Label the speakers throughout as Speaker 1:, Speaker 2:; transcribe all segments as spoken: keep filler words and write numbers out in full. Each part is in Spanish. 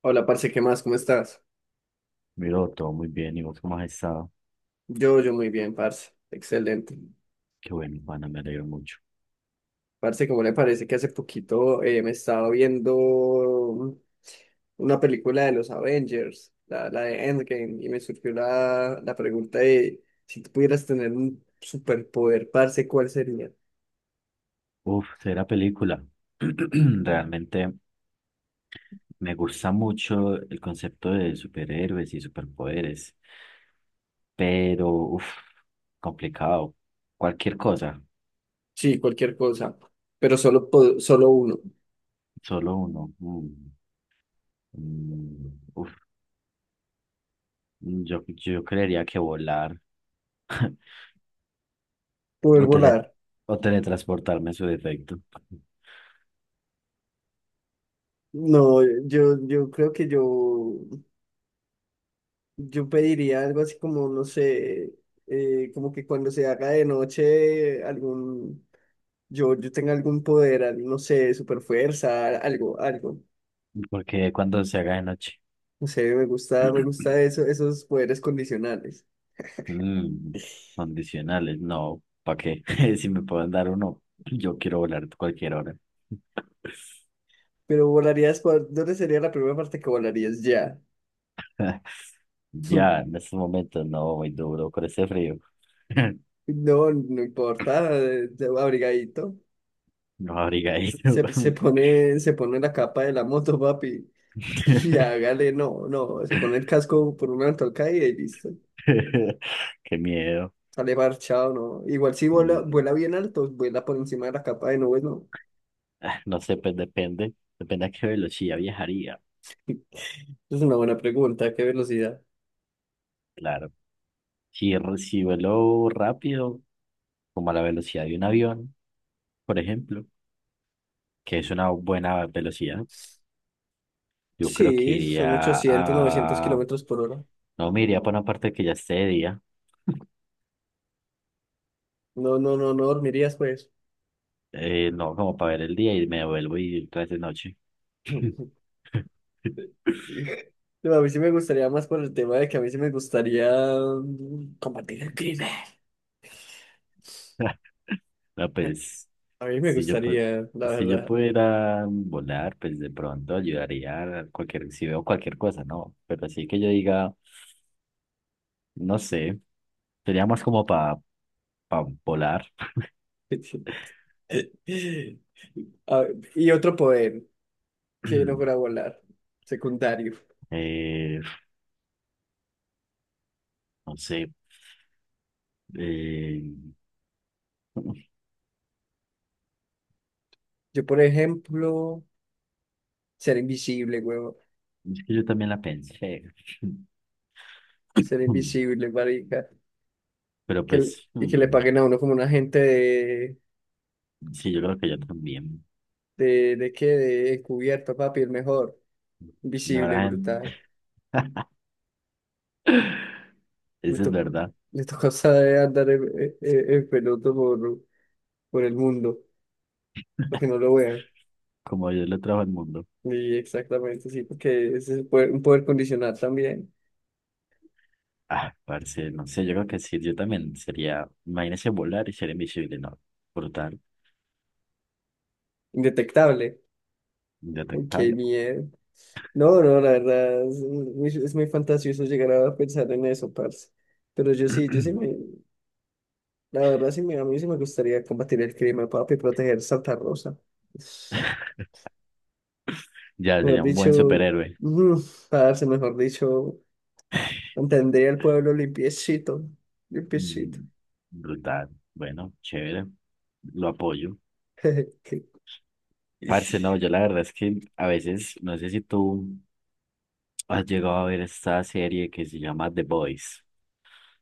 Speaker 1: Hola, parce, ¿qué más? ¿Cómo estás?
Speaker 2: Miro, todo muy bien. ¿Y vos cómo has estado?
Speaker 1: Yo, yo muy bien, parce. Excelente.
Speaker 2: Qué bueno, Juana, me alegro mucho.
Speaker 1: Parce, ¿cómo le parece que hace poquito eh, me estaba viendo una película de los Avengers, la, la de Endgame, y me surgió la, la pregunta de si tú pudieras tener un superpoder, parce, ¿cuál sería?
Speaker 2: Uf, será película. Realmente me gusta mucho el concepto de superhéroes y superpoderes, pero uf, complicado. Cualquier cosa,
Speaker 1: Sí, cualquier cosa, pero solo, po- solo uno.
Speaker 2: solo uno. Mm, mm, uf, yo, yo creería que volar
Speaker 1: Poder
Speaker 2: o, tele,
Speaker 1: volar.
Speaker 2: o teletransportarme en su defecto,
Speaker 1: No, yo, yo creo que yo Yo pediría algo así como, no sé, eh, como que cuando se haga de noche, algún, yo, yo tenga algún poder, al- no sé, super fuerza, algo, algo.
Speaker 2: porque cuando se haga de noche.
Speaker 1: No sé, me gusta, me gusta eso, esos poderes condicionales.
Speaker 2: Mm, condicionales, no, ¿para qué? Si me pueden dar uno, yo quiero volar cualquier hora.
Speaker 1: Pero volarías, ¿cuál- ¿dónde sería la primera parte que volarías ya?
Speaker 2: Ya, en estos momentos no, muy duro con ese frío.
Speaker 1: No, no importa, eh, abrigadito.
Speaker 2: No abrigadito.
Speaker 1: Se, se pone, se pone la capa de la moto, papi. Y hágale, no, no, se pone el casco por una ventolca y listo.
Speaker 2: Qué miedo.
Speaker 1: Sale parchado, ¿no? Igual si vuela,
Speaker 2: Mm,
Speaker 1: vuela bien alto, vuela por encima de la capa de nubes, ¿no?
Speaker 2: ah, No sé, pues depende. Depende a qué velocidad viajaría.
Speaker 1: Es una buena pregunta, ¿qué velocidad?
Speaker 2: Claro. Si, r- si vuelo rápido, como a la velocidad de un avión, por ejemplo, que es una buena velocidad. Yo creo que
Speaker 1: Sí, son
Speaker 2: iría
Speaker 1: ochocientos, novecientos
Speaker 2: a...
Speaker 1: kilómetros por hora.
Speaker 2: No, me iría para una parte que ya esté de día.
Speaker 1: No, no, no, no dormirías, pues.
Speaker 2: Eh, no, como para ver el día y me vuelvo y otra vez de noche.
Speaker 1: No, a mí sí me gustaría más por el tema de que a mí sí me gustaría mm, combatir el crimen.
Speaker 2: No, pues,
Speaker 1: A mí me
Speaker 2: si yo, pu-
Speaker 1: gustaría, la
Speaker 2: si yo
Speaker 1: verdad.
Speaker 2: pudiera volar, pues de pronto ayudaría a cualquier, si veo cualquier cosa, ¿no? Pero así que yo diga, no sé, sería más como para volar.
Speaker 1: A- y otro poder que no fuera volar, secundario.
Speaker 2: Eh, no sé, eh,
Speaker 1: Yo, por ejemplo, ser invisible, huevo.
Speaker 2: Es que yo también la pensé.
Speaker 1: Ser invisible, marica.
Speaker 2: Pero
Speaker 1: Que, le-
Speaker 2: pues,
Speaker 1: y que le
Speaker 2: mm,
Speaker 1: paguen a uno como un agente de...
Speaker 2: sí, yo creo que yo también.
Speaker 1: ¿De, de qué? De encubierto, papi, el mejor.
Speaker 2: La
Speaker 1: Invisible,
Speaker 2: verdad, en-
Speaker 1: brutal. Le
Speaker 2: eso es
Speaker 1: tocó,
Speaker 2: verdad.
Speaker 1: le tocó saber andar en, en- en- en peloto por, por el mundo, porque no lo vean.
Speaker 2: Como Dios lo trajo al mundo.
Speaker 1: Y exactamente, sí, porque ese es el poder- un poder condicional también.
Speaker 2: Ah, parce, no sé, yo creo que sí, yo también sería, imagínese volar y ser invisible, ¿no? Brutal,
Speaker 1: Indetectable. Ay, qué
Speaker 2: indetectable.
Speaker 1: miedo. No, no, la verdad, es muy, es muy fantasioso llegar a pensar en eso, parce. Pero yo sí, yo sí me, La verdad, sí, mira, a mí sí me gustaría combatir el crimen, papi, proteger Santa Rosa.
Speaker 2: Ya
Speaker 1: Mejor
Speaker 2: sería un buen
Speaker 1: dicho,
Speaker 2: superhéroe.
Speaker 1: mm, parce, mejor dicho, mantendría el pueblo limpiecito, limpiecito.
Speaker 2: Mm, Brutal, bueno, chévere, lo apoyo. Parce, no, yo la verdad es que a veces, no sé si tú ¿Has llegado a ver esta serie que se llama The Boys,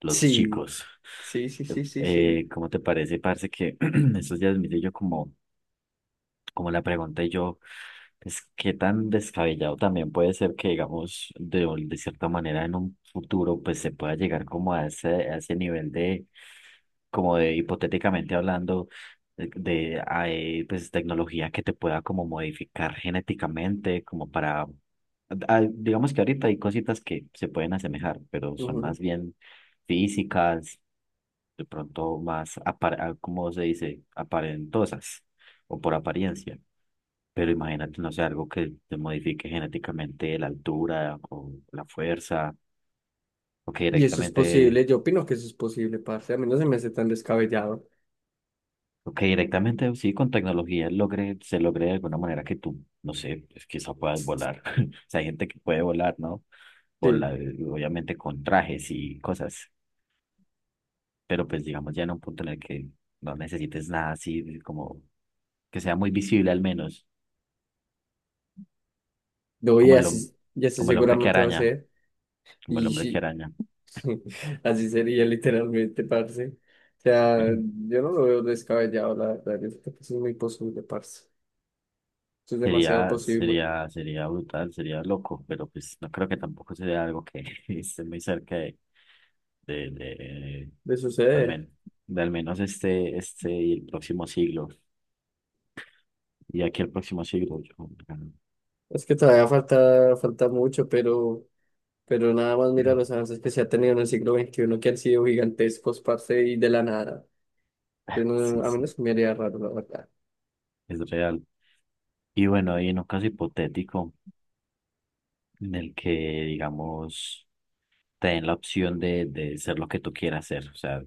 Speaker 2: Los
Speaker 1: Sí,
Speaker 2: Chicos?
Speaker 1: sí, sí, sí, sí, sí.
Speaker 2: Eh, ¿cómo te parece, parce, que estos días miré yo como como le pregunté yo, pues qué tan descabellado también puede ser que, digamos, de, un- de cierta manera en un futuro, pues se pueda llegar como a ese, a ese nivel de, como de hipotéticamente hablando, de, de, hay, pues tecnología que te pueda como modificar genéticamente, como para, ah, digamos que ahorita hay cositas que se pueden asemejar, pero son
Speaker 1: Ujú.
Speaker 2: más bien físicas, de pronto más, apar- ah, ¿cómo se dice? Aparentosas o por apariencia. Pero imagínate, no sé, algo que te modifique genéticamente la altura o la fuerza, o que
Speaker 1: Y eso es
Speaker 2: directamente,
Speaker 1: posible, yo opino que eso es posible, parce. A mí no se me hace tan descabellado.
Speaker 2: o que directamente, sí, con tecnología logre, se logre de alguna manera que tú, no sé, pues quizá puedas volar. O sea, hay gente que puede volar, ¿no?
Speaker 1: Sí,
Speaker 2: Volar, obviamente con trajes y cosas, pero pues digamos ya en un punto en el que no necesites nada así, como que sea muy visible al menos,
Speaker 1: lo voy
Speaker 2: como
Speaker 1: a
Speaker 2: el, hom-
Speaker 1: hacer, y así
Speaker 2: como el hombre que
Speaker 1: seguramente va a
Speaker 2: araña,
Speaker 1: ser.
Speaker 2: como el
Speaker 1: Y
Speaker 2: hombre que
Speaker 1: sí.
Speaker 2: araña.
Speaker 1: Así sería literalmente, parce. O sea, yo no lo veo descabellado, la verdad. Yo creo que eso es muy posible, parce. Eso es demasiado
Speaker 2: Sería,
Speaker 1: posible
Speaker 2: sería, sería brutal, sería loco, pero pues no creo que tampoco sería algo que esté muy cerca de, de, de,
Speaker 1: de
Speaker 2: al
Speaker 1: suceder.
Speaker 2: menos, de al menos este, este y el próximo siglo. Y aquí el próximo siglo, yo,
Speaker 1: Es que todavía falta, falta mucho, pero, pero nada más mira los avances que se ha tenido en el siglo veintiuno que han sido gigantescos, parce, y de la nada. Entonces, no-
Speaker 2: sí,
Speaker 1: a mí no
Speaker 2: sí,
Speaker 1: se me haría raro, la verdad.
Speaker 2: es real. Y bueno, y en un caso hipotético en el que, digamos, te den la opción de, de ser lo que tú quieras ser, o sea,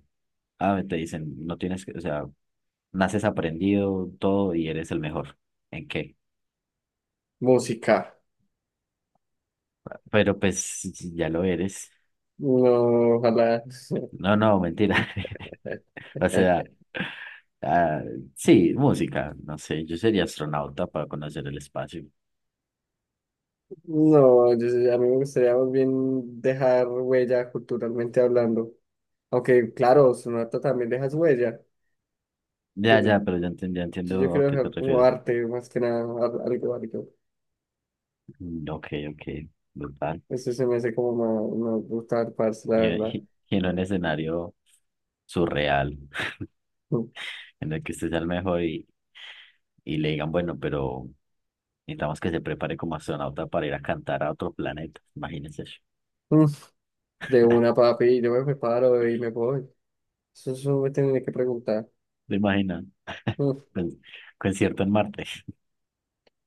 Speaker 2: ah, te dicen, no tienes que, o sea, naces aprendido todo y eres el mejor. ¿En qué?
Speaker 1: Música.
Speaker 2: Pero pues si ya lo eres.
Speaker 1: No, ojalá.
Speaker 2: No, no, mentira. O sea, ah, sí, música, no sé, yo sería astronauta para conocer el espacio.
Speaker 1: No, yo- sé- a mí me gustaría más bien dejar huella culturalmente hablando. Aunque, claro, Sonata también deja su huella. Pues,
Speaker 2: Ya, ya, pero ya, enten- ya
Speaker 1: Yo, yo
Speaker 2: entiendo a
Speaker 1: quiero
Speaker 2: qué te
Speaker 1: dejar como
Speaker 2: refieres.
Speaker 1: arte, más que nada, al- algo, algo.
Speaker 2: Mm, Ok, ok, brutal.
Speaker 1: Eso se me hace como más, más brutal, parce, la
Speaker 2: Y,
Speaker 1: verdad.
Speaker 2: y- y en un escenario surreal,
Speaker 1: Mm,
Speaker 2: en el que usted sea el mejor y, y le digan, bueno, pero necesitamos que se prepare como astronauta para ir a cantar a otro planeta. Imagínense eso.
Speaker 1: mm, de una, papi, yo me preparo y me voy. Eso, eso me tienen que preguntar.
Speaker 2: ¿Te imaginas?
Speaker 1: Mm,
Speaker 2: Con- Concierto en Marte.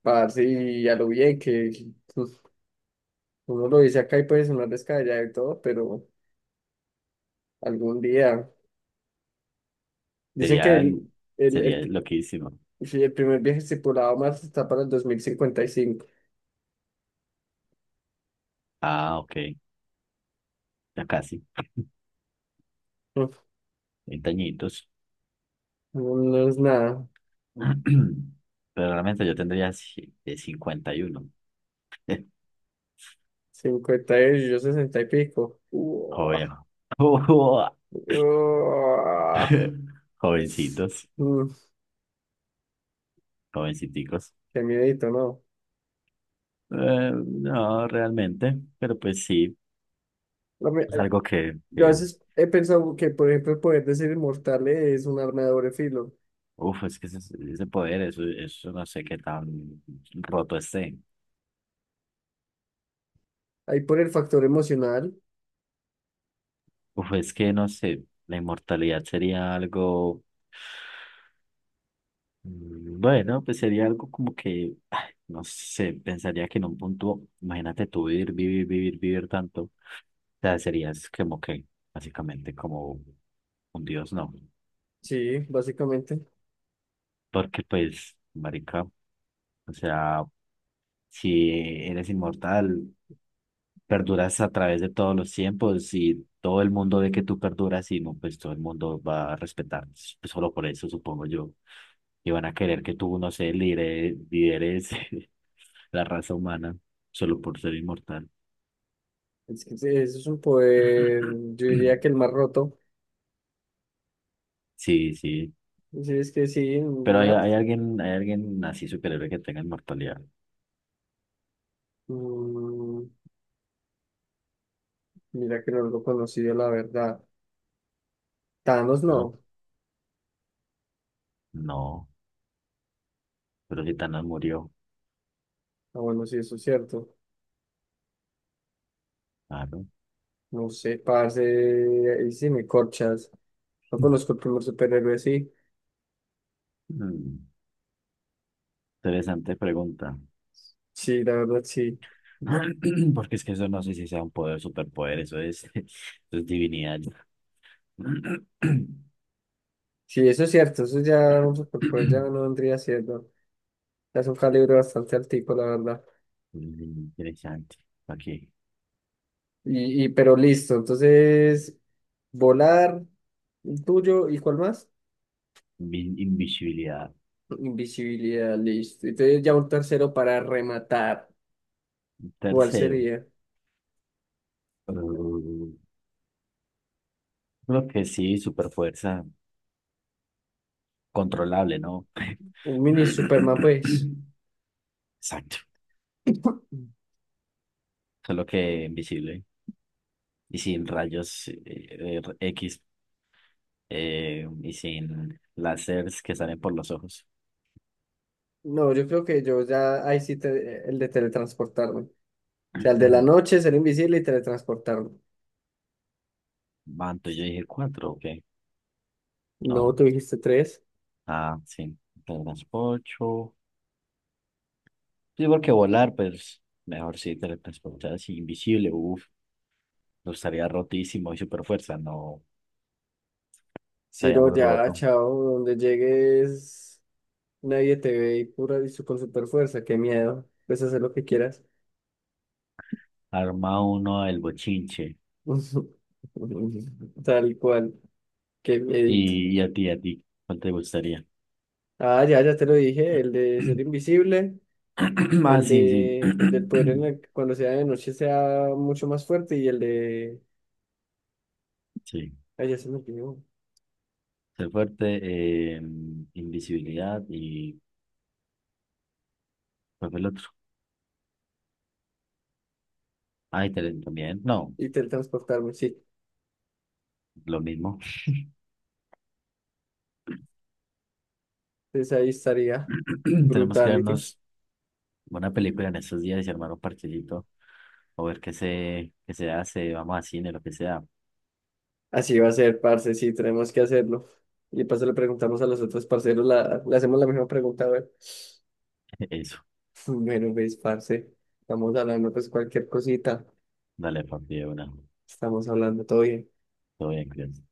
Speaker 1: parce, y a lo bien que mm, uno lo dice acá y puede sonar descabellado y todo, pero algún día. Dicen que
Speaker 2: Sería, el-
Speaker 1: el, el,
Speaker 2: sería
Speaker 1: el,
Speaker 2: loquísimo.
Speaker 1: sí, el primer viaje estipulado a Marte está para el dos mil cincuenta y cinco.
Speaker 2: Ah, ok, ya casi,
Speaker 1: Mm,
Speaker 2: veinte añitos.
Speaker 1: no, no es nada.
Speaker 2: Pero realmente yo tendría ci- eh, cincuenta y uno.
Speaker 1: Cincuenta y yo sesenta y pico. Uah,
Speaker 2: Joven.
Speaker 1: uah.
Speaker 2: Jovencitos,
Speaker 1: Mm,
Speaker 2: jovenciticos.
Speaker 1: qué miedito, ¿no?
Speaker 2: Eh, no, realmente, pero pues sí,
Speaker 1: Lo mi-
Speaker 2: es algo que,
Speaker 1: Yo a
Speaker 2: que
Speaker 1: veces he pensado que, por ejemplo, el poder de ser inmortal es un arma de doble filo.
Speaker 2: uf, es que ese, ese poder, eso, eso no sé qué tan roto esté.
Speaker 1: Ahí por el factor emocional,
Speaker 2: Uf, es que no sé, la inmortalidad sería algo. Mm, Bueno, pues sería algo como que, ay, no sé, pensaría que en un punto, imagínate tú vivir, vivir, vivir, vivir tanto, o sea, serías como que, básicamente como un dios, ¿no?
Speaker 1: sí, básicamente.
Speaker 2: Porque pues, marica, o sea, si eres inmortal, perduras a través de todos los tiempos y todo el mundo ve que tú perduras y no, pues todo el mundo va a respetar. Pues, solo por eso, supongo yo, y van a querer que tú, no sé, lidere- lideres la raza humana solo por ser inmortal.
Speaker 1: Es que sí, eso es un poder, yo diría que el más roto.
Speaker 2: Sí, sí.
Speaker 1: Sí, es que sí,
Speaker 2: Pero hay,
Speaker 1: Matt.
Speaker 2: hay alguien, hay alguien así superhéroe que tenga inmortalidad.
Speaker 1: Mm, mira que no lo conocido, la verdad. Thanos
Speaker 2: ¿Verdad?
Speaker 1: no.
Speaker 2: No, pero si Thanos murió,
Speaker 1: Ah, bueno, sí, eso es cierto.
Speaker 2: claro.
Speaker 1: No sé, parce, ahí sí me corchas. No conozco el primer superhéroe, sí.
Speaker 2: Mm, Interesante pregunta.
Speaker 1: Sí, la verdad, sí.
Speaker 2: Porque es que eso no sé si sea un poder, superpoder, eso es, eso es divinidad.
Speaker 1: Sí, eso es cierto, eso ya un superpoder ya no vendría siendo. Ya es un calibre bastante altico, la verdad.
Speaker 2: Mm, Interesante. Aquí,
Speaker 1: Y, y pero listo, entonces, volar, el tuyo, ¿y cuál más?
Speaker 2: Invi- invisibilidad.
Speaker 1: Invisibilidad, listo. Entonces ya un tercero para rematar. ¿Cuál
Speaker 2: Tercero,
Speaker 1: sería?
Speaker 2: eh, creo que sí, superfuerza controlable, ¿no?
Speaker 1: Un mini Superman, pues.
Speaker 2: Exacto, solo que invisible y sin rayos eh, eh, equis, eh, y sin láseres que salen por los ojos.
Speaker 1: No, yo creo que yo ya, ahí sí, te- el de teletransportarme. Sea, el de la noche, ser invisible y teletransportarme.
Speaker 2: Manto, yo dije cuatro, ok.
Speaker 1: No,
Speaker 2: No.
Speaker 1: tú dijiste tres.
Speaker 2: Ah, sí. Teletransporto. Sí, porque volar, pues mejor sí, teletransporte así, invisible. Uf, no estaría rotísimo y super fuerza. No,
Speaker 1: Si
Speaker 2: estaría
Speaker 1: no,
Speaker 2: muy
Speaker 1: ya,
Speaker 2: roto.
Speaker 1: chao, donde llegues, nadie te ve y pura y su- con super fuerza, qué miedo. Puedes hacer lo que quieras.
Speaker 2: Arma uno el bochinche.
Speaker 1: Tal cual, qué miedito.
Speaker 2: Y, y a ti, a ti, ¿cuál te gustaría?
Speaker 1: Ah, ya, ya te lo dije, el de ser invisible,
Speaker 2: Ah,
Speaker 1: el
Speaker 2: sí, sí.
Speaker 1: de el del poder en el que cuando sea de noche sea mucho más fuerte y el de
Speaker 2: Sí,
Speaker 1: ay, ya se me olvidó.
Speaker 2: ser fuerte, eh, invisibilidad y ¿cuál fue el otro? Ay, tele- también, no,
Speaker 1: Y teletransportarme, sí.
Speaker 2: lo mismo.
Speaker 1: Entonces ahí estaría
Speaker 2: Tenemos que
Speaker 1: brutality.
Speaker 2: darnos buena película en estos días y armar un parchecito o ver qué se, qué se hace, vamos a cine, lo que sea.
Speaker 1: Así va a ser, parce, sí, tenemos que hacerlo. Y paso le preguntamos a los otros parceros, la, le hacemos la misma pregunta, a ver.
Speaker 2: Eso,
Speaker 1: Bueno, pues, parce, estamos hablando, pues, cualquier cosita.
Speaker 2: dale, papi, de una.
Speaker 1: Estamos hablando, todo bien.
Speaker 2: Todo bien, cuídate.